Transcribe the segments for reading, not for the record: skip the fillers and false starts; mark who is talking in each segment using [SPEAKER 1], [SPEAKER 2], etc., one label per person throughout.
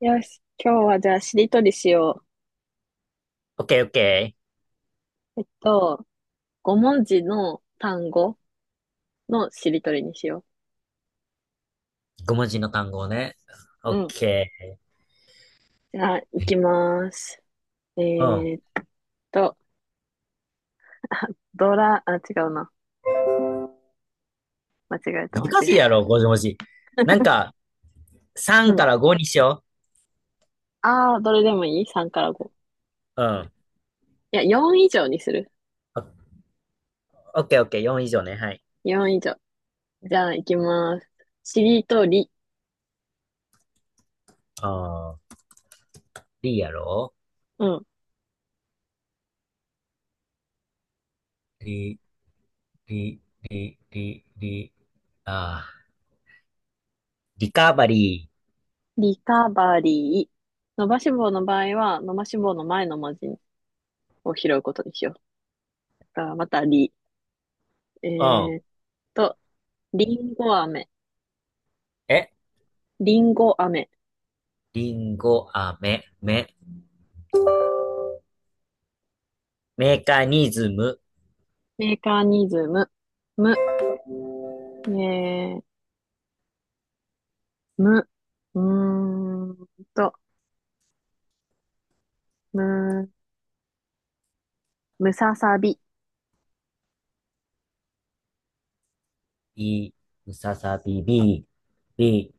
[SPEAKER 1] よし、今日はじゃあしりとりしよ
[SPEAKER 2] オッケーオッケ
[SPEAKER 1] う。5文字の単語のしりとりにしよ
[SPEAKER 2] ー。5文字の単語ね。オ
[SPEAKER 1] う。う
[SPEAKER 2] ッ
[SPEAKER 1] ん。
[SPEAKER 2] ケ
[SPEAKER 1] じゃあ、いきます。え
[SPEAKER 2] ー。う
[SPEAKER 1] ーっと、ドラ、あ、違うな。間違えた、
[SPEAKER 2] ん。
[SPEAKER 1] 間違
[SPEAKER 2] 難しいや
[SPEAKER 1] え
[SPEAKER 2] ろ、5文字。なんか、
[SPEAKER 1] た。う
[SPEAKER 2] 3か
[SPEAKER 1] ん。
[SPEAKER 2] ら5にしよ
[SPEAKER 1] あー、どれでもいい？ 3 から5。
[SPEAKER 2] う。うん。
[SPEAKER 1] いや、4以上にする。
[SPEAKER 2] オッケーオッケー、4以上ね。はい。
[SPEAKER 1] 4以上。じゃあ、いきます。しりとり、
[SPEAKER 2] あー、リやろ、
[SPEAKER 1] うん。
[SPEAKER 2] リ、リ、リ、リ、リ、あー、リカバリ
[SPEAKER 1] リカバリー。伸ばし棒の場合は、伸ばし棒の前の文字を拾うことにしよう。だからまた、り。え
[SPEAKER 2] ー。う
[SPEAKER 1] ー
[SPEAKER 2] ん。
[SPEAKER 1] っと、りんご飴。
[SPEAKER 2] え、
[SPEAKER 1] リンゴ飴、
[SPEAKER 2] リンゴ、あ、め、め、メカニズム、
[SPEAKER 1] メカニズム、む、ね、む、うーんと、む、むささび、
[SPEAKER 2] い、ムササビ、ビ、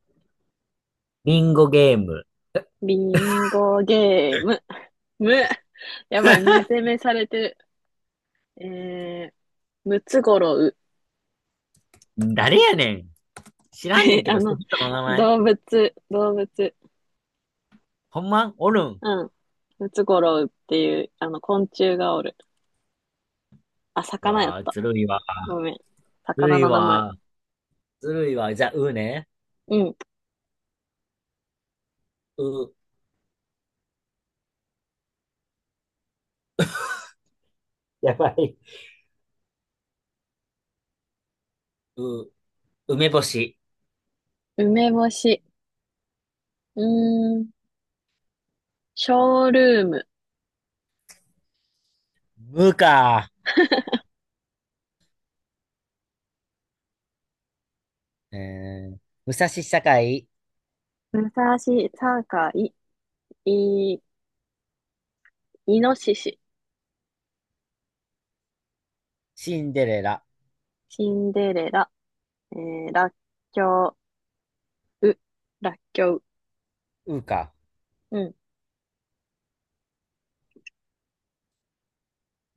[SPEAKER 2] リンゴゲーム。
[SPEAKER 1] リンゴゲーム、む、やばい、む攻めされてる。えー、ムツゴロウ、
[SPEAKER 2] 誰やねん。知らんねん け
[SPEAKER 1] あ
[SPEAKER 2] ど、その
[SPEAKER 1] の、
[SPEAKER 2] 人の名前。
[SPEAKER 1] 動物、動物、
[SPEAKER 2] ほんまおるん。
[SPEAKER 1] うん、ムツゴロウっていう、昆虫がおる。あ、
[SPEAKER 2] う
[SPEAKER 1] 魚やっ
[SPEAKER 2] わー、
[SPEAKER 1] た。
[SPEAKER 2] ずるいわ。
[SPEAKER 1] ごめん。
[SPEAKER 2] ずる
[SPEAKER 1] 魚
[SPEAKER 2] い
[SPEAKER 1] の名前。
[SPEAKER 2] わ。ずるいわ。じゃあ、うね。
[SPEAKER 1] うん。
[SPEAKER 2] う、やばい。う、梅干し。
[SPEAKER 1] 梅干し。うーん。ショールーム。
[SPEAKER 2] むか。えー、武蔵境、
[SPEAKER 1] 武蔵境、い、いのしし、
[SPEAKER 2] シンデレラ、
[SPEAKER 1] シンデレラ、らっきょう、う、らっきょう、
[SPEAKER 2] うか。
[SPEAKER 1] う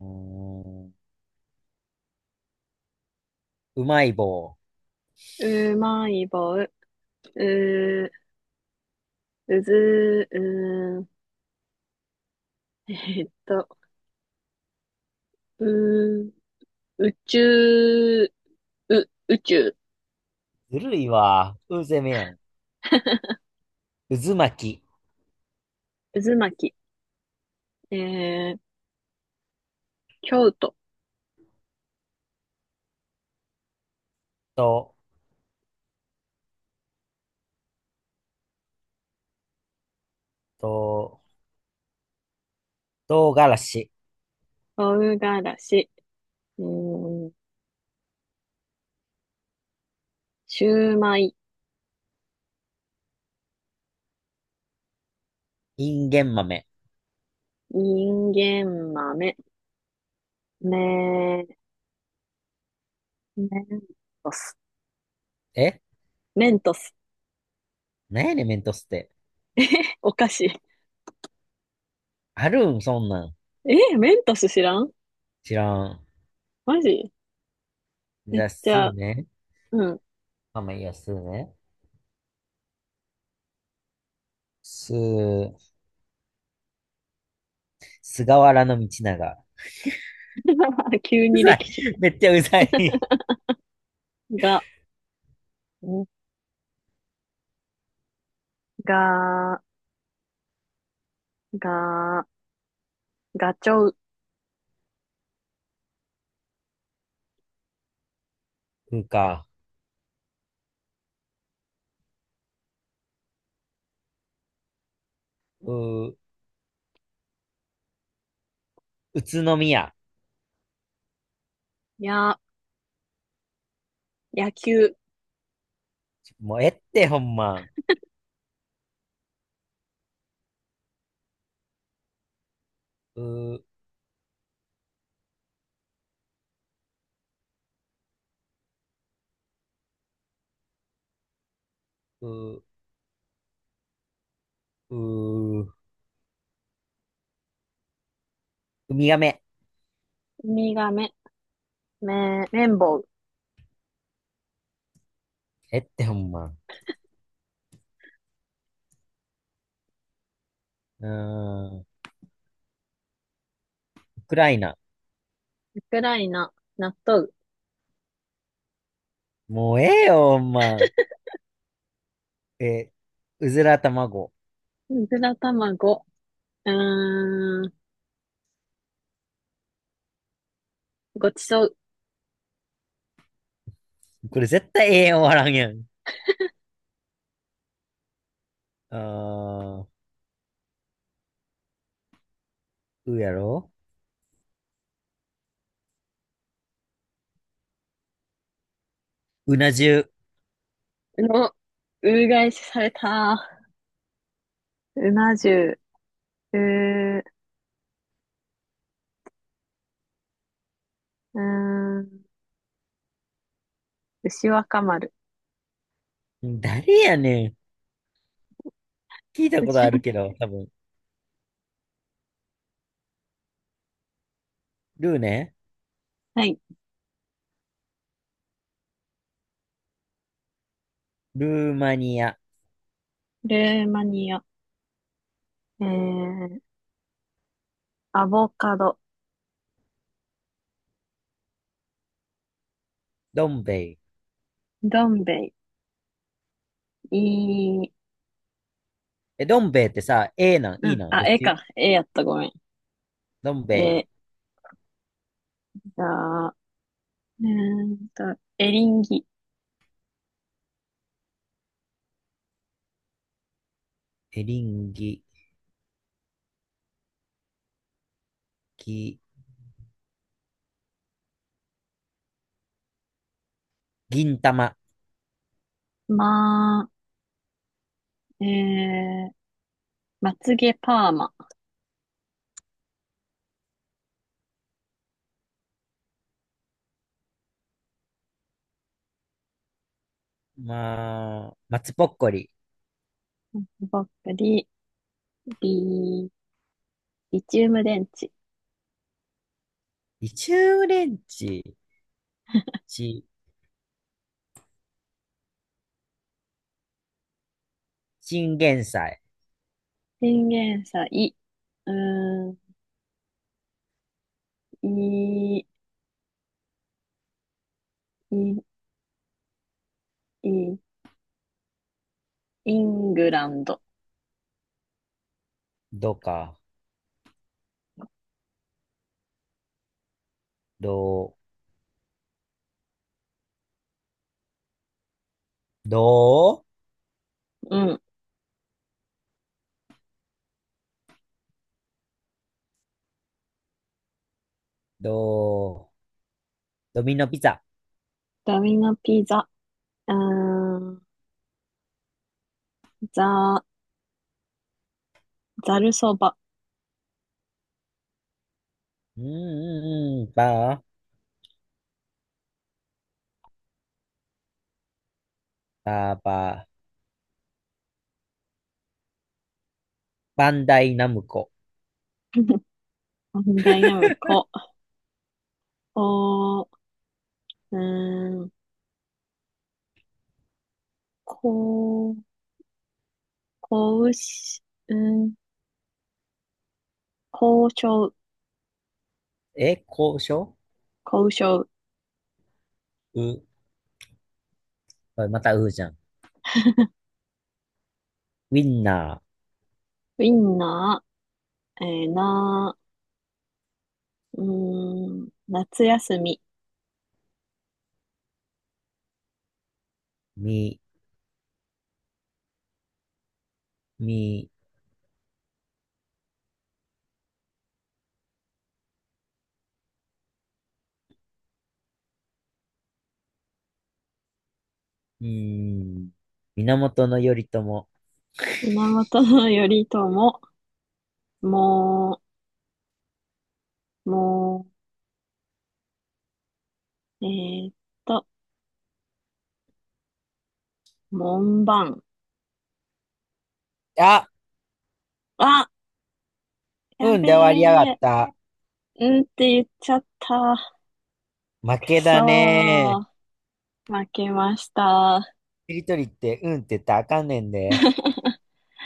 [SPEAKER 2] うーん、うまい棒。
[SPEAKER 1] ん、うまい棒、う、うず、うー、ーっと、う、宇宙、う、宇宙、
[SPEAKER 2] ずるいわ。うぜめやん。渦巻き。
[SPEAKER 1] 渦巻き、えー、京都、
[SPEAKER 2] と、と、唐辛子。
[SPEAKER 1] 唐辛子、うーん、シューマイ、
[SPEAKER 2] インゲン豆。
[SPEAKER 1] 人間豆、メ、メントス、
[SPEAKER 2] え、
[SPEAKER 1] メントス、
[SPEAKER 2] なんやねん、メントスって。
[SPEAKER 1] お菓子。
[SPEAKER 2] あるん、そんなん。
[SPEAKER 1] え、メントス知らん。
[SPEAKER 2] 知らん。
[SPEAKER 1] マジ。
[SPEAKER 2] じゃあ、
[SPEAKER 1] じ
[SPEAKER 2] す
[SPEAKER 1] ゃ
[SPEAKER 2] ー
[SPEAKER 1] あ、
[SPEAKER 2] ね。
[SPEAKER 1] うん。
[SPEAKER 2] まあまあいいや、すーね。すー、菅原道長。
[SPEAKER 1] 急
[SPEAKER 2] う
[SPEAKER 1] に
[SPEAKER 2] ざい。
[SPEAKER 1] 歴史
[SPEAKER 2] めっちゃうざい。
[SPEAKER 1] が、んが、が、ガチョウ、
[SPEAKER 2] うんか。うー、宇都宮。
[SPEAKER 1] や、野球、
[SPEAKER 2] もうえってほんま。うー、うー、うー、ウミガメ。
[SPEAKER 1] ウミガメ、め、綿棒、
[SPEAKER 2] えってほんま。うーん、ウクライナ。
[SPEAKER 1] ウクライナ、納豆、
[SPEAKER 2] もうええよ、ほんま。えー、うずら卵。
[SPEAKER 1] うずら卵、うーん、ごちそう
[SPEAKER 2] これ絶対ええ終わらんやん。あー、うやろ、うな重。
[SPEAKER 1] の、うがいしされた。うな重、う、うーん、牛若丸、
[SPEAKER 2] 誰やねん。聞いた こと
[SPEAKER 1] 牛
[SPEAKER 2] ある
[SPEAKER 1] 若
[SPEAKER 2] けど、多分。ルーね。
[SPEAKER 1] はい。
[SPEAKER 2] ルーマニア。
[SPEAKER 1] ルーマニア、えー、アボカド、
[SPEAKER 2] どん兵衛。
[SPEAKER 1] どん兵衛、いい、
[SPEAKER 2] え、どん兵衛ってさ、A なん、
[SPEAKER 1] う
[SPEAKER 2] E
[SPEAKER 1] ん、
[SPEAKER 2] なん、
[SPEAKER 1] あ、
[SPEAKER 2] どっ
[SPEAKER 1] 絵
[SPEAKER 2] ち。
[SPEAKER 1] か。絵やった、ごめ
[SPEAKER 2] どん兵
[SPEAKER 1] ん。え
[SPEAKER 2] 衛、
[SPEAKER 1] ー、じゃあ、うーんと、エリンギ、
[SPEAKER 2] エリンギ、ぎ、銀玉、
[SPEAKER 1] まあ、まつげパーマ、
[SPEAKER 2] まあ、松ぼっこり、
[SPEAKER 1] ばっかり、リ、リチウム電池、
[SPEAKER 2] リチュウレンチ、ち、チンゲンサイ、
[SPEAKER 1] チンゲンサイ、うーん、い、い、い、イングランド、
[SPEAKER 2] どうか、どう、どう、
[SPEAKER 1] うん、
[SPEAKER 2] どう、ドミノピザ、
[SPEAKER 1] ダミノピザ、うーん、ザ、ザルそば、
[SPEAKER 2] うんうんうん、ばー、ばーばー、バンダイナムコ、
[SPEAKER 1] ダイナムコ、お、ーん、こ、交渉、うん、交渉、
[SPEAKER 2] え、交渉、
[SPEAKER 1] 交渉、
[SPEAKER 2] う、あまたうじゃん。ウィンナ
[SPEAKER 1] ウィンナー、な、夏休み、
[SPEAKER 2] ー、み、うーん、源頼朝。
[SPEAKER 1] 源頼朝、もう、もう、と、門番。
[SPEAKER 2] あ、
[SPEAKER 1] あ、や
[SPEAKER 2] うん
[SPEAKER 1] べ
[SPEAKER 2] で終わりやがっ
[SPEAKER 1] え、
[SPEAKER 2] た。
[SPEAKER 1] うんって言っちゃった。
[SPEAKER 2] 負
[SPEAKER 1] く
[SPEAKER 2] け
[SPEAKER 1] そ
[SPEAKER 2] だね。
[SPEAKER 1] ー、負けました。
[SPEAKER 2] しりとりって、うんって言ったらあかんねんで。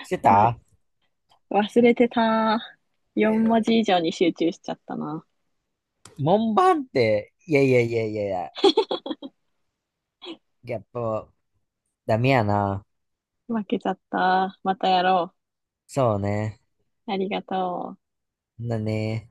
[SPEAKER 2] して
[SPEAKER 1] ま、
[SPEAKER 2] た
[SPEAKER 1] 忘れてた。4文字以上に集中しちゃったな。
[SPEAKER 2] 門番って、いやいやいやいやいや、やっぱダメやな。
[SPEAKER 1] 負けちゃった。またやろう。
[SPEAKER 2] そうね。
[SPEAKER 1] ありがとう。
[SPEAKER 2] だね。